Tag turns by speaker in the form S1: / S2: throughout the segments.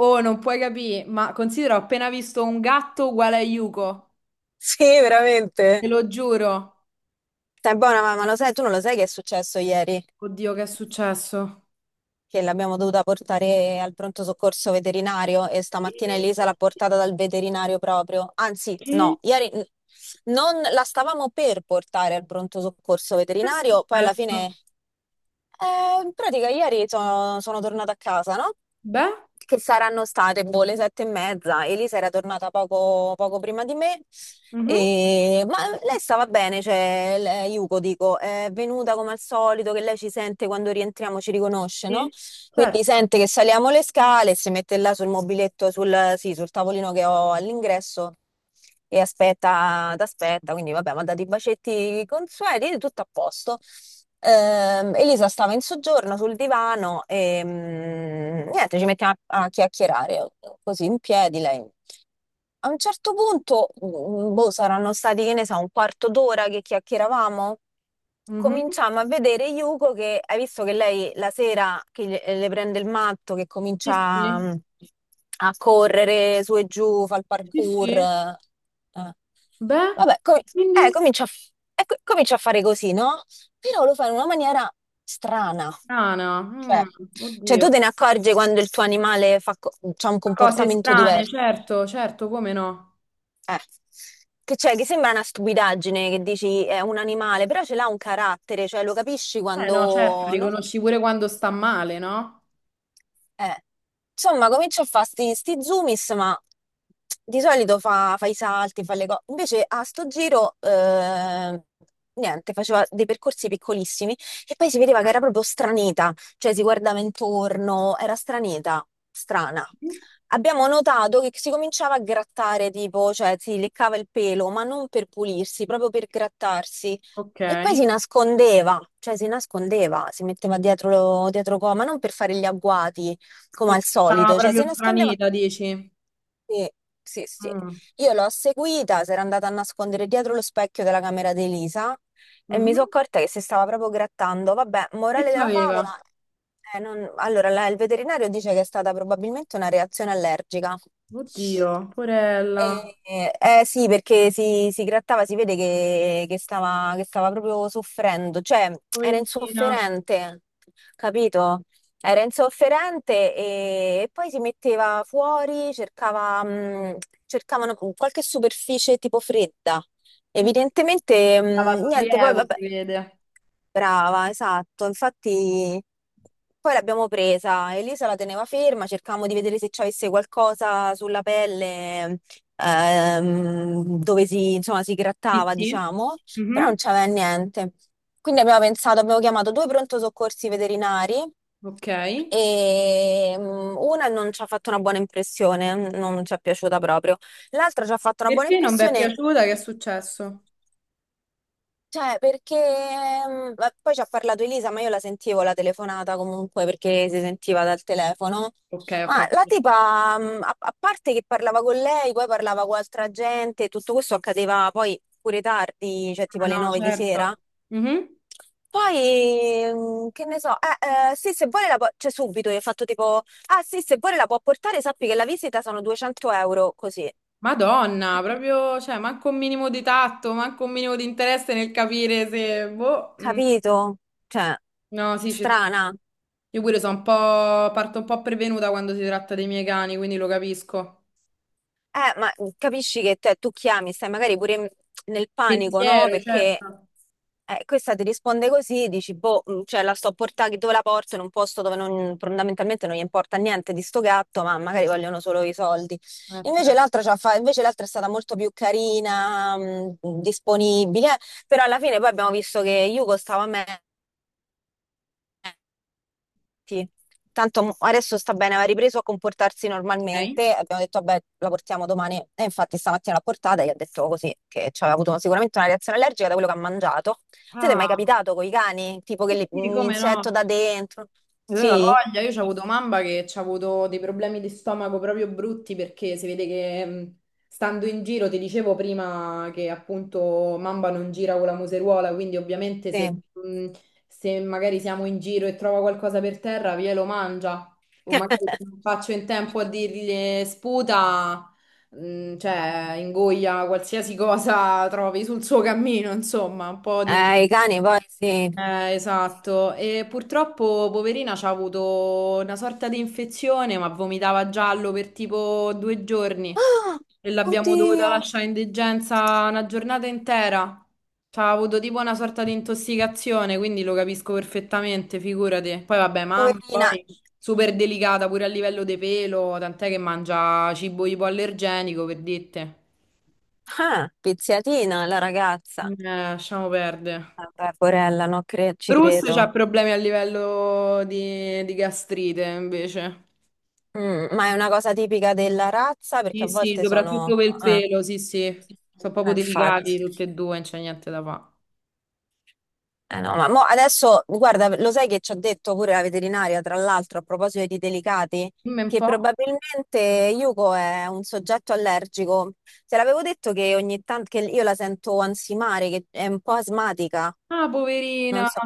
S1: Oh, non puoi capire, ma considera, ho appena visto un gatto uguale a Yuko,
S2: Sì, veramente.
S1: te lo giuro.
S2: Stai buona mamma, lo sai, tu non lo sai che è successo ieri?
S1: Oddio, che è successo?
S2: Che l'abbiamo dovuta portare al pronto soccorso veterinario e stamattina Elisa l'ha portata dal veterinario proprio. Anzi, no,
S1: Che
S2: ieri non la stavamo per portare al pronto soccorso
S1: che è
S2: veterinario, poi alla
S1: successo?
S2: fine. In pratica ieri sono tornata a casa, no?
S1: Beh,
S2: Che saranno state, boh, le 7:30. Elisa era tornata poco prima di me.
S1: mhm,
S2: Ma lei stava bene, cioè, Yuko, dico, è venuta come al solito, che lei ci sente quando rientriamo, ci riconosce, no?
S1: Sì,
S2: Quindi
S1: certo.
S2: sente che saliamo le scale, si mette là sul mobiletto, sul, sì, sul tavolino che ho all'ingresso e aspetta, t'aspetta. Quindi vabbè, mi ha dato i bacetti consueti, tutto a posto. Elisa stava in soggiorno sul divano e niente, ci mettiamo a chiacchierare così in piedi lei. A un certo punto, boh, saranno stati, che ne so, un quarto d'ora che chiacchieravamo.
S1: Mhm,
S2: Cominciamo a vedere Yuko che hai visto che lei la sera che le prende il matto, che
S1: Sì,
S2: comincia
S1: sì,
S2: a correre su e giù, fa il
S1: sì, sì.
S2: parkour. Eh.
S1: Beh,
S2: Vabbè, com-
S1: quindi
S2: comincia a, f- e co- comincia a fare così, no? Però lo fa in una maniera strana.
S1: strana,
S2: Cioè, cioè,
S1: oddio.
S2: tu te ne accorgi quando il tuo animale c'ha un
S1: Cose
S2: comportamento
S1: strane,
S2: diverso.
S1: certo, certo, come no?
S2: Eh, che c'è, che sembra una stupidaggine che dici è un animale, però ce l'ha un carattere, cioè lo capisci
S1: Eh no, certo.
S2: quando, no?
S1: Riconosci pure quando sta male, no?
S2: Eh, insomma, comincio a fare sti zoomis, ma di solito fa i salti, fa le cose. Invece a sto giro, niente, faceva dei percorsi piccolissimi e poi si vedeva che era proprio stranita, cioè si guardava intorno, era stranita, strana. Abbiamo notato che si cominciava a grattare, tipo, cioè si leccava il pelo, ma non per pulirsi, proprio per grattarsi.
S1: Ok.
S2: E poi si nascondeva, cioè si nascondeva, si metteva dietro, ma non per fare gli agguati, come al
S1: Perché stava
S2: solito, cioè si
S1: proprio
S2: nascondeva.
S1: stranita, dici?
S2: Sì, sì, sì.
S1: Mm,
S2: Io l'ho seguita, si era andata a nascondere dietro lo specchio della camera di Elisa e mi
S1: mhm.
S2: sono accorta che si stava proprio grattando. Vabbè,
S1: Che
S2: morale della favola.
S1: c'aveva?
S2: Allora, il veterinario dice che è stata probabilmente una reazione allergica.
S1: Oddio, porella.
S2: Eh, eh, sì, perché si grattava, si vede che stava proprio soffrendo, cioè era
S1: Poverina.
S2: insofferente, capito? Era insofferente e poi si metteva fuori, cercavano qualche superficie tipo fredda.
S1: Mm,
S2: Evidentemente,
S1: Stava
S2: niente, poi
S1: sollievo,
S2: vabbè,
S1: si vede.
S2: brava, esatto. Infatti, poi l'abbiamo presa. Elisa la teneva ferma, cercavamo di vedere se ci avesse qualcosa sulla pelle, dove si, insomma, si
S1: Sì,
S2: grattava,
S1: sì.
S2: diciamo. Però non
S1: Mhm.
S2: c'aveva niente. Quindi abbiamo pensato, abbiamo chiamato due pronto soccorsi veterinari
S1: Ok.
S2: e una non ci ha fatto una buona impressione, non ci è piaciuta proprio. L'altra ci ha fatto una buona
S1: Perché non vi è
S2: impressione,
S1: piaciuta? Che è successo?
S2: cioè perché ma poi ci ha parlato Elisa, ma io la sentivo la telefonata comunque perché si sentiva dal telefono.
S1: Ok, ho
S2: Ma la
S1: capito.
S2: tipa, a parte che parlava con lei, poi parlava con altra gente, tutto questo accadeva poi pure tardi, cioè tipo
S1: Ah
S2: alle
S1: no,
S2: 9 di
S1: certo.
S2: sera.
S1: Mhm.
S2: Poi, che ne so, eh, sì, se vuole la può, cioè subito, io ho fatto tipo, ah sì, se vuole la può portare, sappi che la visita sono 200 euro, così,
S1: Madonna, proprio, cioè, manco un minimo di tatto, manco un minimo di interesse nel capire se, boh,
S2: capito? Cioè,
S1: no, sì,
S2: strana.
S1: io pure parto un po' prevenuta quando si tratta dei miei cani, quindi lo capisco.
S2: Ma capisci che tu chiami, stai magari pure nel panico, no?
S1: Pensiero,
S2: Perché
S1: certo.
S2: questa ti risponde così, dici, boh, cioè la sto a portare dove la porto, in un posto dove fondamentalmente non gli importa niente di sto gatto, ma magari vogliono solo i soldi. Invece
S1: Certo.
S2: l'altra è stata molto più carina, disponibile, però alla fine poi abbiamo visto che Yuko stava meglio. Sì. Tanto adesso sta bene, aveva ripreso a comportarsi
S1: Ok?
S2: normalmente. Abbiamo detto, vabbè, la portiamo domani. E infatti stamattina l'ha portata e gli ha detto così, che ci aveva avuto sicuramente una reazione allergica da quello che ha mangiato. Siete è mai
S1: Ah,
S2: capitato con i cani? Tipo che
S1: sì, sì,
S2: un
S1: come no?
S2: insetto da dentro?
S1: Aveva
S2: Sì?
S1: voglia, io ci ho avuto mamma che ci ha avuto dei problemi di stomaco proprio brutti perché si vede che stando in giro, ti dicevo prima che appunto mamma non gira con la museruola, quindi ovviamente se,
S2: Sì.
S1: mh, se magari siamo in giro e trova qualcosa per terra, via lo mangia. O magari non faccio in tempo a dirgli sputa, cioè ingoia qualsiasi cosa trovi sul suo cammino, insomma, un po' di.
S2: I cani poi sì.
S1: Esatto, e purtroppo poverina c'ha avuto una sorta di infezione, ma vomitava giallo per tipo 2 giorni
S2: Ah,
S1: e l'abbiamo dovuta
S2: oddio,
S1: lasciare in degenza una giornata intera. C'ha avuto tipo una sorta di intossicazione, quindi lo capisco perfettamente, figurati. Poi vabbè, mamma,
S2: poverina.
S1: poi super delicata pure a livello di pelo, tant'è che mangia cibo ipoallergenico per dite.
S2: Ah, pizziatina la ragazza.
S1: Lasciamo perdere.
S2: Vabbè, porella, no, ci
S1: Bruce c'ha
S2: credo.
S1: problemi a livello di gastrite, invece.
S2: Mm, ma è una cosa tipica della razza perché
S1: Sì,
S2: a
S1: sì,
S2: volte sono.
S1: soprattutto per il
S2: Ah,
S1: pelo, sì, sì. Sono proprio
S2: infatti.
S1: delicati tutti e due, non c'è niente da fare.
S2: Eh no, ma mo adesso, guarda, lo sai che ci ha detto pure la veterinaria, tra l'altro, a proposito di delicati,
S1: Dimmi un
S2: che
S1: po'.
S2: probabilmente Yuko è un soggetto allergico. Te l'avevo detto che ogni tanto che io la sento ansimare, che è un po' asmatica.
S1: Ah,
S2: Non
S1: poverina.
S2: so.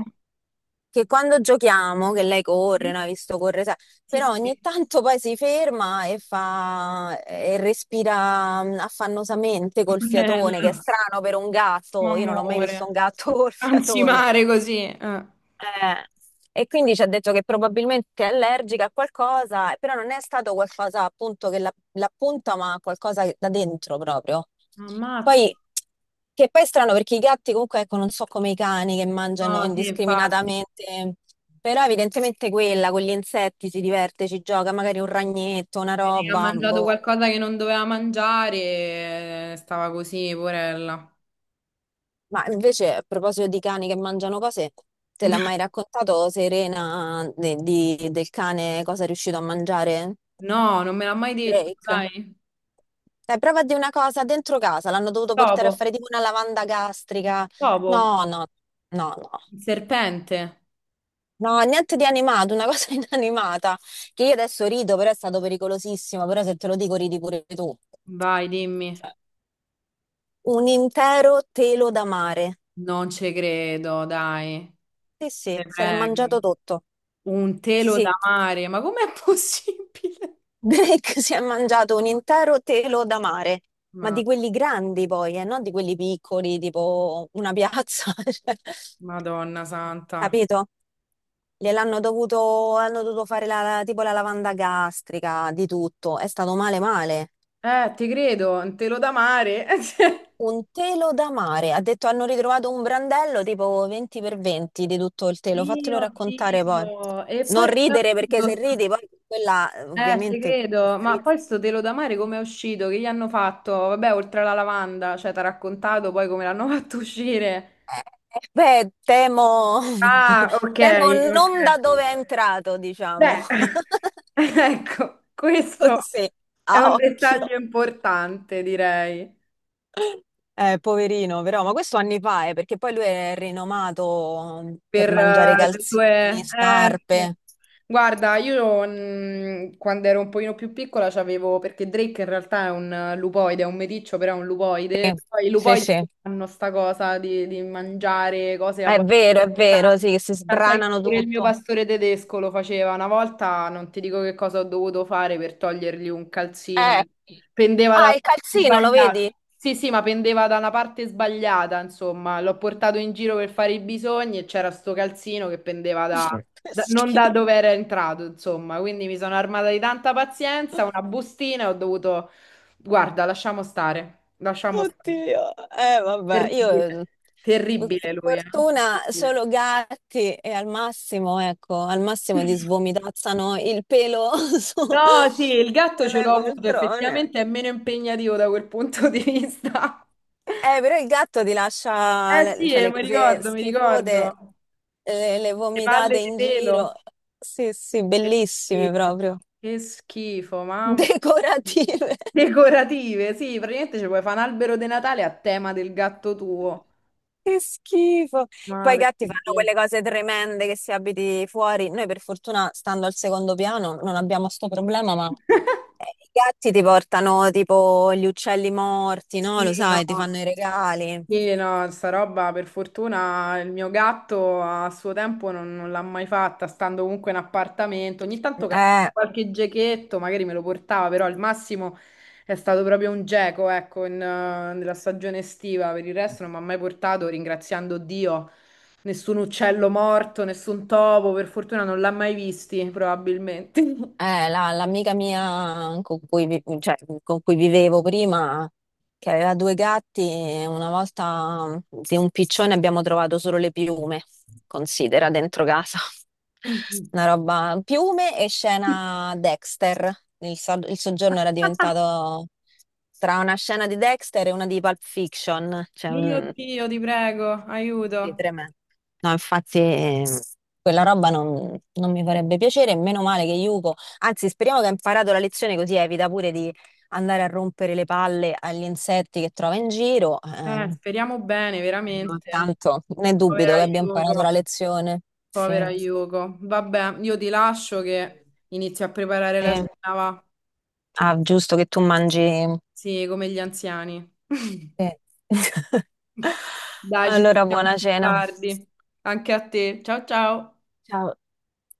S2: Che quando giochiamo, che lei corre,
S1: Mm?
S2: no? Hai visto corre, sai,
S1: Sì,
S2: però ogni
S1: sì.
S2: tanto poi si ferma e fa e respira affannosamente col fiatone, che è
S1: Poverella.
S2: strano per un gatto. Io non ho mai visto un
S1: Amore.
S2: gatto col
S1: Anzi,
S2: fiatone.
S1: mare così. Eh.
S2: Eh, e quindi ci ha detto che probabilmente è allergica a qualcosa, però non è stato qualcosa appunto che l'appunta, ma qualcosa da dentro proprio.
S1: Ammazza.
S2: Poi, che poi è strano perché i gatti comunque, ecco, non so come i cani che mangiano
S1: No, sì, infatti.
S2: indiscriminatamente, però evidentemente quella con gli insetti si diverte, ci gioca, magari un ragnetto, una
S1: Vedi che ha
S2: roba,
S1: mangiato
S2: boh.
S1: qualcosa che non doveva mangiare e stava così, poverella.
S2: Ma invece a proposito di cani che mangiano cose, te l'ha mai raccontato Serena del cane cosa è riuscito a mangiare?
S1: No, non me l'ha mai detto,
S2: Drake.
S1: sai?
S2: Dai, prova a dire una cosa, dentro casa l'hanno dovuto portare a
S1: Dopo,
S2: fare tipo una lavanda gastrica.
S1: dopo.
S2: No, no, no, no.
S1: Il serpente?
S2: No, niente di animato, una cosa inanimata. Che io adesso rido, però è stato pericolosissimo, però se te lo dico ridi pure tu.
S1: Vai, dimmi.
S2: Cioè, un intero telo da mare.
S1: Non ci credo, dai.
S2: Sì,
S1: Te
S2: sì, se l'è mangiato
S1: prego.
S2: tutto.
S1: Un
S2: Sì,
S1: telo da
S2: sì.
S1: mare, ma com'è possibile?
S2: Drake si è mangiato un intero telo da mare, ma
S1: Ma,
S2: di quelli grandi poi, non di quelli piccoli, tipo una piazza, cioè,
S1: Madonna santa.
S2: capito? Hanno dovuto fare la, tipo la lavanda gastrica, di tutto. È stato male male.
S1: Ti credo, un telo da mare.
S2: Un telo da mare. Ha detto hanno ritrovato un brandello tipo 20 per 20 di tutto il telo. Fatelo
S1: Dio,
S2: raccontare poi.
S1: Dio. E
S2: Non
S1: poi come è
S2: ridere perché
S1: uscito?
S2: se ridi poi quella
S1: Ti
S2: ovviamente la
S1: credo. Ma
S2: strizza.
S1: poi sto telo da mare come è uscito? Che gli hanno fatto? Vabbè, oltre alla lavanda, cioè, ti ha raccontato poi come l'hanno fatto uscire.
S2: Eh, eh, beh, temo,
S1: Ah, ok,
S2: temo
S1: ok.
S2: non da dove è entrato, diciamo.
S1: Beh, ecco, questo
S2: Così,
S1: è
S2: a
S1: un
S2: occhio.
S1: dettaglio importante, direi,
S2: Poverino, però, ma questo anni fa, perché poi lui è rinomato per
S1: per
S2: mangiare
S1: le
S2: calzini,
S1: tue. Sì.
S2: scarpe.
S1: Guarda, io quando ero un pochino più piccola c'avevo, perché Drake in realtà è un lupoide, è un meticcio, però è un lupoide.
S2: Sì,
S1: Poi i
S2: sì,
S1: lupoidi
S2: sì.
S1: hanno sta cosa di mangiare cose abbastanza
S2: È vero,
S1: strane.
S2: sì, che si
S1: Tant'è che
S2: sbranano
S1: pure il mio
S2: tutto.
S1: pastore tedesco lo faceva una volta, non ti dico che cosa ho dovuto fare per togliergli un
S2: Eh.
S1: calzino. Pendeva dalla
S2: Ah, il
S1: parte
S2: calzino, lo
S1: sbagliata.
S2: vedi?
S1: Sì, sì, ma pendeva da una parte sbagliata, insomma. L'ho portato in giro per fare i bisogni e c'era sto calzino che pendeva
S2: Che
S1: non
S2: schifo.
S1: da dove era entrato, insomma. Quindi mi sono armata di tanta pazienza, una bustina e ho dovuto. Guarda, lasciamo stare, lasciamo stare.
S2: Oddio, eh vabbè, io
S1: Terribile,
S2: eh, per
S1: terribile lui, eh?
S2: fortuna
S1: Terribile.
S2: solo gatti e al massimo, ecco, al massimo ti svomitazzano il pelo su-
S1: No, sì, il gatto ce
S2: sulle
S1: l'ho avuto,
S2: poltrone.
S1: effettivamente è meno impegnativo da quel punto di vista.
S2: Però il gatto ti lascia
S1: Eh
S2: le,
S1: sì,
S2: cioè, le
S1: mi
S2: cose
S1: ricordo, mi
S2: schifose,
S1: ricordo.
S2: le,
S1: Le palle
S2: vomitate
S1: di
S2: in giro.
S1: pelo.
S2: Sì, sì,
S1: Che
S2: bellissime
S1: schifo,
S2: proprio.
S1: che schifo, mamma mia.
S2: Decorative.
S1: Decorative, sì, praticamente ci puoi fare un albero di Natale a tema del gatto tuo.
S2: Che schifo. Poi i
S1: Madre
S2: gatti fanno
S1: mia.
S2: quelle cose tremende che si abiti fuori. Noi per fortuna, stando al secondo piano, non abbiamo sto problema, ma i gatti ti portano tipo gli uccelli morti, no? Lo
S1: Sì, no.
S2: sai, ti fanno i regali.
S1: Sì, no, sta roba per fortuna il mio gatto a suo tempo non l'ha mai fatta, stando comunque in appartamento. Ogni tanto
S2: Eh.
S1: qualche gechetto magari me lo portava, però al massimo è stato proprio un geco, ecco, nella stagione estiva. Per il resto non mi ha mai portato, ringraziando Dio, nessun uccello morto, nessun topo, per fortuna non l'ha mai visti, probabilmente.
S2: L'amica mia con cui vivevo prima, che aveva due gatti, una volta di un piccione abbiamo trovato solo le piume, considera, dentro casa. Una roba, piume e scena Dexter. Il soggiorno era diventato tra una scena di Dexter e una di Pulp Fiction, cioè
S1: Mio Dio, ti prego, aiuto.
S2: sì, tremendo. No, infatti quella roba non mi farebbe piacere, meno male che Yuko, anzi speriamo che ha imparato la lezione così evita pure di andare a rompere le palle agli insetti che trova in giro,
S1: Speriamo bene,
S2: però
S1: veramente.
S2: tanto ne dubito
S1: Povera
S2: che abbia imparato la
S1: Yuko,
S2: lezione.
S1: povera
S2: Sì,
S1: Yuko. Vabbè, io ti lascio che inizio a preparare la
S2: sì.
S1: cena, va.
S2: Ah, giusto che tu mangi.
S1: Sì, come gli anziani.
S2: Sì.
S1: Dai, ci
S2: Allora,
S1: sentiamo
S2: buona
S1: più
S2: cena.
S1: tardi. Anche a te. Ciao ciao.
S2: Ciao.